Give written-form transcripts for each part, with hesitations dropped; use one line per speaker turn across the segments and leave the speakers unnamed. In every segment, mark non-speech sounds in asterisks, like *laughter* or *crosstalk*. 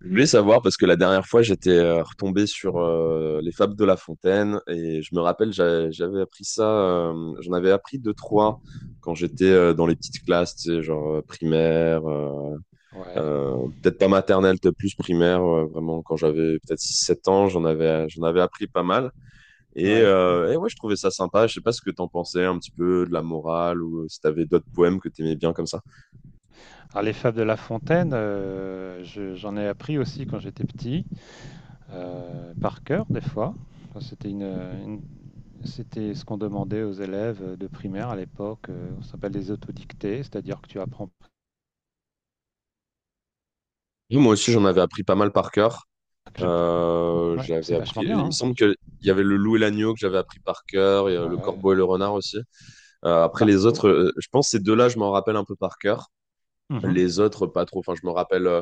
Je voulais savoir parce que la dernière fois j'étais retombé sur les fables de La Fontaine et je me rappelle j'avais appris ça j'en avais appris deux trois quand j'étais dans les petites classes tu sais, genre primaire
Ouais,
peut-être pas maternelle, peut-être plus primaire vraiment quand j'avais peut-être six sept ans, j'en avais appris pas mal
ouais.
et ouais, je trouvais ça sympa. Je sais pas ce que t'en pensais un petit peu de la morale, ou si t'avais d'autres poèmes que t'aimais bien comme ça.
Alors les fables de La Fontaine, j'en ai appris aussi quand j'étais petit, par cœur des fois. Enfin, c'était ce qu'on demandait aux élèves de primaire à l'époque. On s'appelle des autodictées, c'est-à-dire que tu apprends.
Oui, moi aussi j'en avais appris pas mal par cœur.
Je- Ouais, c'est
J'avais
vachement
appris.
bien,
Il me
hein.
semble que il y avait le loup et l'agneau que j'avais appris par cœur, et, le
Ouais.
corbeau et le renard aussi. Après
Bah,
les autres, je pense ces deux-là, je m'en rappelle un peu par cœur.
mhm.
Les autres, pas trop. Enfin,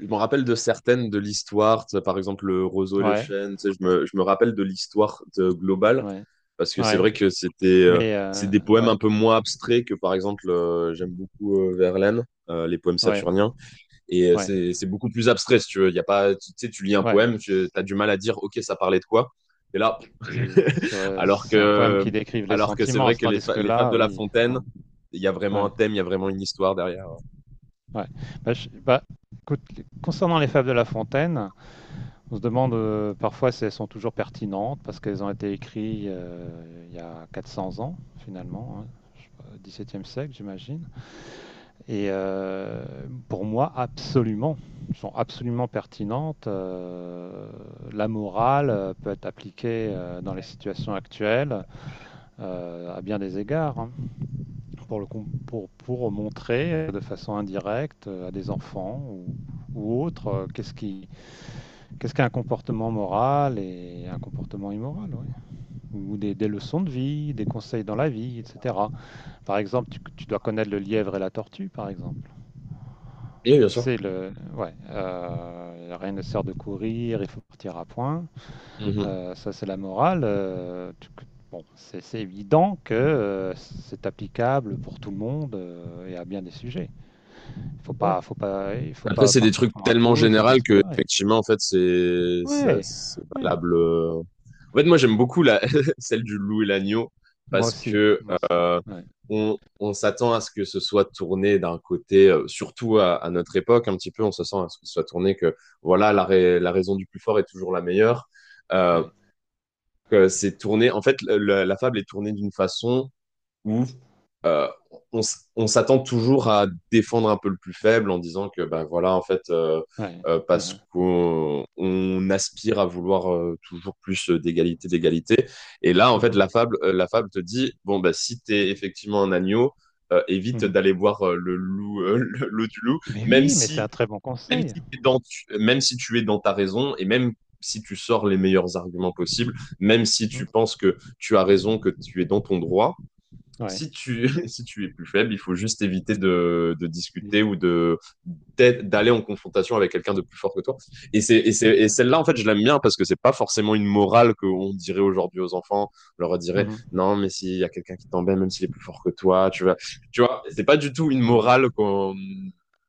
je me rappelle de certaines de l'histoire. Tu sais, par exemple, le roseau et les
Ouais,
chênes. Tu sais, je me rappelle de globale
ouais,
parce que c'est
ouais.
vrai que c'était,
Mais
c'est des poèmes
ouais,
un peu moins abstraits que, par exemple, j'aime beaucoup Verlaine, les poèmes
ouais,
saturniens. Et
ouais,
c'est beaucoup plus abstrait, si tu veux. Y a pas, tu sais, tu lis un
ouais.
poème, tu as du mal à dire, OK, ça parlait de quoi. Et là,
C'est
*laughs*
c'est-
alors
c'est un poème
que,
qui décrive les
alors que c'est
sentiments,
vrai que
tandis que
les fables
là,
de La
oui. Ouais,
Fontaine, il y a vraiment un
ouais.
thème, il y a vraiment une histoire derrière.
Ouais. Bah, bah, écoute, concernant les fables de La Fontaine, on se demande parfois si elles sont toujours pertinentes parce qu'elles ont été écrites il y a 400 ans, finalement, hein, je sais pas, 17e siècle, j'imagine. Et pour moi, absolument, elles sont absolument pertinentes. La morale peut être appliquée dans les situations actuelles à bien des égards. Hein, pour, le, pour montrer de façon indirecte à des enfants ou autres qu'est-ce qui, qu'est-ce qu'un comportement moral et un comportement immoral, ouais. Ou des, leçons de vie, des conseils dans la vie, etc. Par exemple, tu dois connaître le lièvre et la tortue, par exemple.
Et bien
Tu
sûr.
sais, ouais, rien ne sert de courir, il faut partir à point.
Mhm.
Ça, c'est la morale. Bon, c'est évident que c'est applicable pour tout le monde et à bien des sujets.
Ouais.
Faut pas, il faut
Après,
pas
c'est des
partir
trucs
comme un
tellement
fou, il faut
généraux
bien se
que,
préparer.
effectivement, en fait,
Ouais,
c'est
ouais,
valable en fait, moi, j'aime beaucoup *laughs* celle du loup et l'agneau parce que
moi aussi,
euh,
ouais,
on s'attend à ce que ce soit tourné d'un côté, surtout à notre époque, un petit peu, on se sent à ce que ce soit tourné que voilà, la raison du plus fort est toujours la meilleure. Euh,
ouais,
que c'est tourné, en fait, la fable est tournée d'une façon où euh, on s'attend toujours à défendre un peu le plus faible en disant que ben voilà en fait
ouais.
parce
Uhum,
qu'on aspire à vouloir toujours plus d'égalité, et là en fait
uhum,
la fable te dit bon bah si t'es effectivement un agneau, évite
uhum.
d'aller voir le loup *laughs* l'eau du loup.
Mais
même
oui, mais c'est
si
un très bon
même
conseil.
si même si tu es dans ta raison, et même si tu sors les meilleurs arguments possibles, même si
Mhm,
tu penses que tu as raison, que tu es dans ton droit,
ouais.
si tu, *laughs* si tu es plus faible, il faut juste éviter de
Oui,
discuter ou de d'aller en confrontation avec quelqu'un de plus fort que toi. Et celle-là, en fait, je l'aime bien parce que c'est pas forcément une morale qu'on dirait aujourd'hui aux enfants. On leur dirait,
mhm,
non, mais s'il y a quelqu'un qui t'embête, même s'il est plus fort que toi, tu vois, c'est pas du tout une
mhm.
morale qu'on,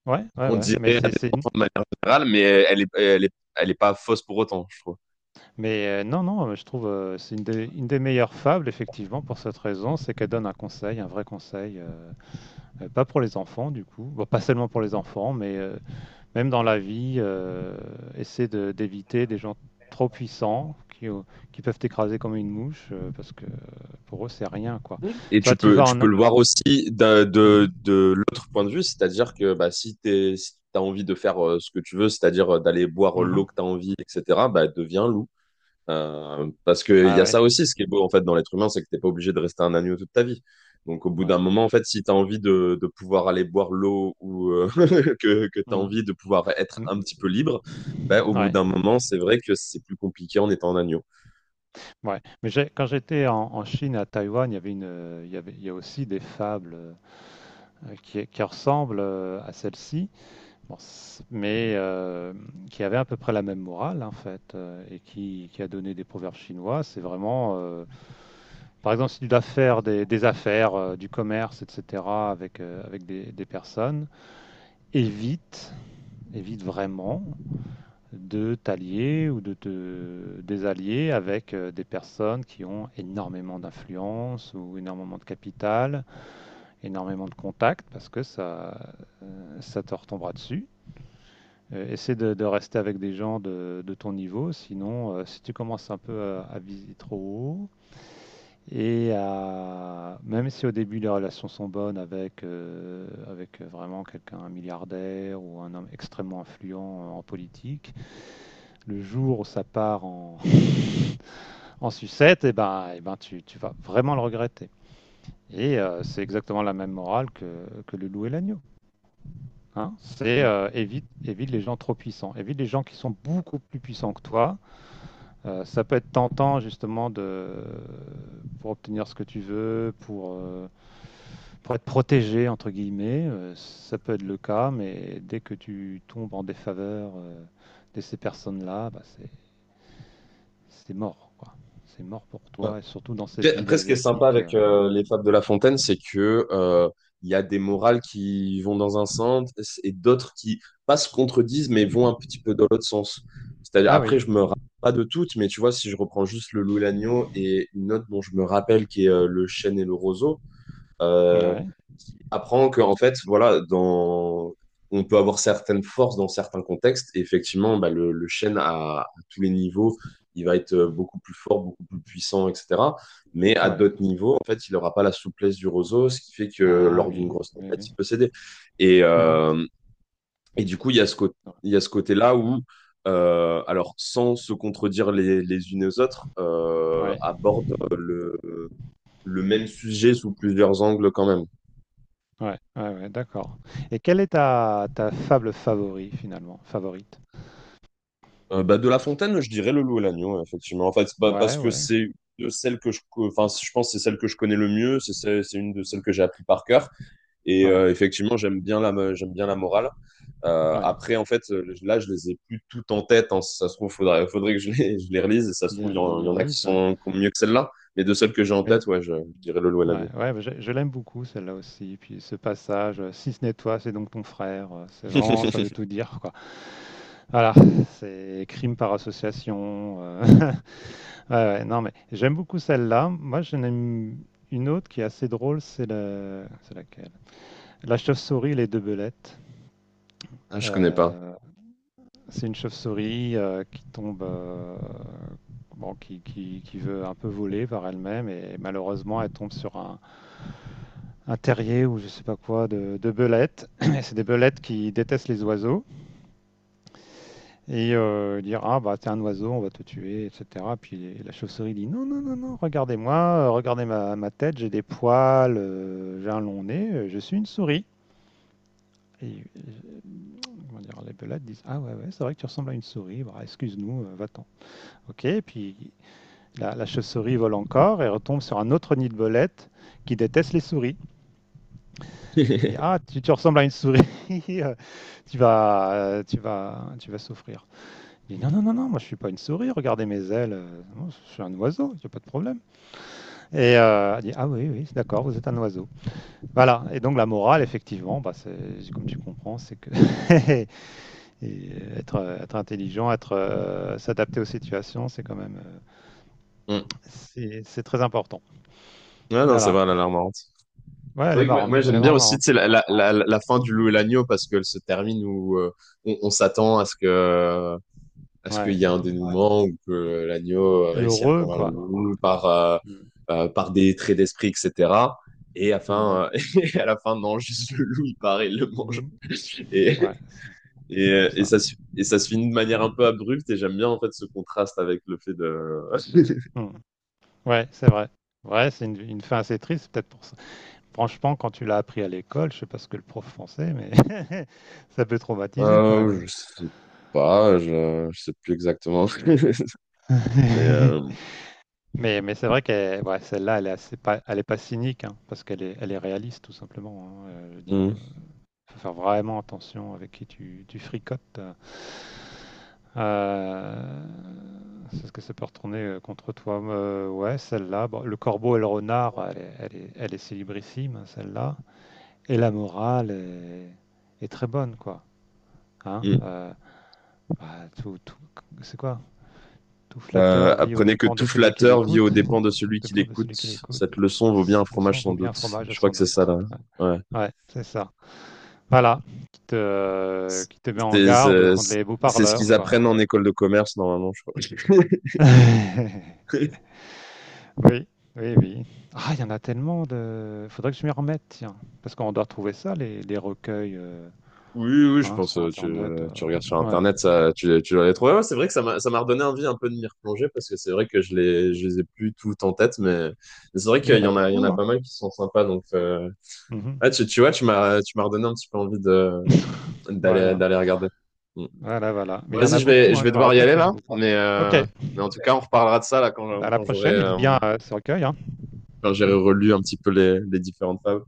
Ouais, ouais,
qu'on
ouais.
dirait
Mais
de manière générale, mais elle est pas fausse pour autant, je trouve.
mais non, non, je trouve c'est une des meilleures fables effectivement pour cette raison, c'est qu'elle donne un conseil, un vrai conseil, pas pour les enfants du coup. Bon, pas seulement pour les enfants, mais même dans la vie, d'éviter des gens trop puissants qui peuvent t'écraser comme une mouche parce que pour eux, c'est rien, quoi.
Et
Soit tu vas
tu
en.
peux
A-
le voir aussi
Mhm.
de l'autre point de vue, c'est-à-dire que bah, si t'es, si t'as envie de faire ce que tu veux, c'est-à-dire d'aller boire l'eau
Mhm.
que t'as envie, etc., bah, deviens loup. Parce qu'il
Ah
y a
ouais,
ça aussi, ce qui est beau en fait dans l'être humain, c'est que t'es pas obligé de rester un agneau toute ta vie. Donc au bout
ouais.
d'un moment, en fait, si t'as envie de pouvoir aller boire l'eau ou *laughs* que t'as
Mhm.
envie de pouvoir être un
Mhm.
petit peu libre, bah, au bout
Ouais,
d'un moment, c'est vrai que c'est plus compliqué en étant un agneau.
ouais. Mais quand j'étais en, en Chine, à Taïwan, il y avait une, il y a aussi des fables qui ressemblent à celle-ci. Bon, mais qui avait à peu près la même morale en fait, et qui a donné des proverbes chinois. C'est vraiment, par exemple, si tu dois faire des affaires, du commerce, etc., avec, avec des personnes, évite, évite vraiment de t'allier ou de te désallier avec des personnes qui ont énormément d'influence ou énormément de capital, énormément de contacts, parce que ça, ça te retombera dessus. Essaie de rester avec des gens de ton niveau, sinon, si tu commences un peu à viser trop haut, et même si au début les relations sont bonnes avec, avec vraiment quelqu'un, un milliardaire ou un homme extrêmement influent en politique, le jour où ça part en, *laughs* en sucette, et ben tu vas vraiment le regretter. Et c'est exactement la même morale que le loup et l'agneau, hein. C'est évite les gens trop puissants, évite les gens qui sont beaucoup plus puissants que toi. Ça peut être tentant justement de pour obtenir ce que tu veux, pour être protégé entre guillemets. Ça peut être le cas, mais dès que tu tombes en défaveur de ces personnes-là, bah, c'est mort, quoi. C'est mort pour
Mm.
toi, et surtout dans ces pays
Après, ce qui est sympa
asiatiques.
avec
Euh.
les fables de La Fontaine, c'est que il y a des morales qui vont dans un sens et d'autres qui pas se contredisent mais vont un petit peu dans l'autre sens. C'est-à-dire
Ah
après,
oui,
je me rappelle pas de toutes, mais tu vois, si je reprends juste le loup et l'agneau et une autre dont je me rappelle qui est le chêne et le roseau, euh,
ouais,
qui apprend que, en fait, voilà, dans... on peut avoir certaines forces dans certains contextes. Et effectivement, bah, le chêne à tous les niveaux, il va être beaucoup plus fort, beaucoup plus puissant, etc. Mais à
ouais.
d'autres niveaux, en fait, il n'aura pas la souplesse du roseau, ce qui fait que
Ah
lors d'une
oui,
grosse
oui,
tempête,
oui.
il peut céder. Et,
Mhm.
euh, et du coup, il y a ce côté. Il y a ce côté-là où, alors sans se contredire les unes aux autres,
Ouais,
abordent le même sujet sous plusieurs angles quand même.
ouais, ouais, ouais, d'accord. Et quelle est ta, ta fable favori finalement, favorite?
Bah, de La Fontaine, je dirais Le Loup et l'Agneau, effectivement. En fait, c'est pas- parce
Ouais,
que
ouais,
c'est de celle que enfin, je pense que c'est celle que je connais le mieux, c'est une de celles que j'ai appris par cœur. Et
ouais,
effectivement, j'aime bien la morale.
ouais.
Après, en fait, là, je les ai plus toutes en tête, hein. Si ça se trouve, faudrait que je les, *laughs* je les relise. Et ça se trouve,
Les
il y en a qui
Hurleys, ouais.
sont qui ont mieux que celle-là. Mais de celles que j'ai en
Oui.
tête, ouais, je dirais Le Loup et
Ouais,
l'Agneau.
ouais, bah, je l'aime beaucoup celle-là aussi. Puis ce passage, si ce n'est toi, c'est donc ton frère. Euh, c'est vraiment, ça veut
*laughs*
tout dire, quoi. Voilà, c'est crime par association. *laughs* Ouais, ouais, non, mais j'aime beaucoup celle-là. Moi, j'en aime une autre qui est assez drôle. C'est c'est laquelle? La chauve-souris et les deux belettes.
Ah, je connais pas.
Euh, c'est une chauve-souris qui tombe, bon, qui veut un peu voler par elle-même et malheureusement, elle tombe sur un terrier ou je sais pas quoi de belettes. *clears throat* Et c'est des belettes qui détestent les oiseaux et dire ah bah t'es un oiseau, on va te tuer, etc. Puis la chauve-souris dit non non non non, regardez-moi, regardez ma tête, j'ai des poils, j'ai un long nez, je suis une souris. Et comment dire, les belettes disent ah ouais ouais c'est vrai que tu ressembles à une souris, bah, excuse-nous, va-t'en. Ok, et puis la chauve-souris vole encore et retombe sur un autre nid de belettes qui déteste les souris. Il dit ah tu ressembles à une souris. *laughs* euh, tu vas souffrir. Il dit non, non, non, non, moi je suis pas une souris, regardez mes ailes, moi, je suis un oiseau, il n'y a pas de problème. Et elle dit ah oui, oui, d'accord, vous êtes un oiseau. Voilà, et donc la morale, effectivement, bah, comme tu comprends, c'est que *laughs* et être intelligent, s'adapter aux situations, c'est quand même,
Hmm.
c'est très important.
Ouais, non, c'est
Voilà,
vrai, elle a l'air marrante.
ouais,
C'est
elle est
vrai que
marrante,
moi,
elle est
j'aime bien
vraiment
aussi tu
marrante.
sais, la fin du loup et l'agneau parce qu'elle se termine où on s'attend à ce que à ce qu'il
Ouais.
y ait un ouais dénouement, ou que l'agneau
Et
réussisse à
heureux,
convaincre le
quoi.
loup par par des traits d'esprit, etc. Et à la
Mhm.
fin *laughs* et à la fin non juste le loup il part et il le mange
Mhm.
et
Ouais, c'est
et,
c'est comme ça.
et ça se finit de manière un peu abrupte, et j'aime bien en fait ce contraste avec le fait de *laughs*
Mm. Ouais, c'est vrai. Ouais, c'est une fin assez triste, peut-être pour ça. Franchement, quand tu l'as appris à l'école, je sais pas ce que le prof pensait, mais *laughs* ça peut traumatiser quand même.
je sais pas je sais plus exactement *laughs* mais
*laughs* Mais c'est vrai que ouais, celle-là, elle est pas cynique, hein, parce qu'elle est réaliste, tout simplement, hein. Je veux dire,
mm,
faut faire vraiment attention avec qui tu fricotes. Euh, c'est ce que ça peut retourner contre toi. Ouais, celle-là. Bon, le corbeau et le renard, elle est célébrissime, hein, celle-là. Et la morale est très bonne, quoi. Hein.
mm.
Bah, c'est quoi? Tout flatteur vit aux
Apprenez que
dépens de
tout
celui qui
flatteur vit aux
l'écoute.
dépens de
Aux
celui qui
dépens de
l'écoute.
celui qui l'écoute.
Cette leçon vaut bien un
Le sang
fromage sans
vaut bien un
doute.
fromage,
Je crois
sans
que c'est ça
doute.
là.
Ouais,
Ouais.
ouais, c'est ça. Voilà, qui te met en
C'est
garde
c'est-
contre les
c'est ce
beaux-parleurs,
qu'ils
quoi.
apprennent en école de commerce normalement, je crois.
*laughs*
*laughs*
Oui, oui, oui. Ah, il y en a tellement de... Faudrait que je m'y remette, tiens. Parce qu'on doit trouver ça, les recueils
Oui, oui, je
hein,
pense.
sur Internet. Euh.
Tu regardes sur
Ouais.
Internet, ça, tu dois les trouver. Ouais, c'est vrai que ça m'a redonné envie un peu de m'y replonger parce que c'est vrai que je les ai plus toutes en tête, mais c'est vrai
Mais il
qu'
y en a
il y en
beaucoup,
a
hein.
pas mal qui sont sympas. Donc,
Mhm.
ah, tu vois, tu m'as redonné un petit peu envie de,
*laughs* Voilà,
d'aller regarder. Mm.
voilà, voilà. Mais il y en
Vas-y,
a beaucoup,
je
hein,
vais
je me
devoir y
rappelle
aller
qu'il y en
là,
a beaucoup. Ok,
mais en tout cas, on reparlera de ça là quand,
bah, à la prochaine et lis bien ce recueil, hein.
quand j'aurai
Hmm.
relu un petit peu les différentes tables.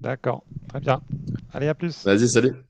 D'accord, très bien. Allez, à plus.
Vas-y, salut.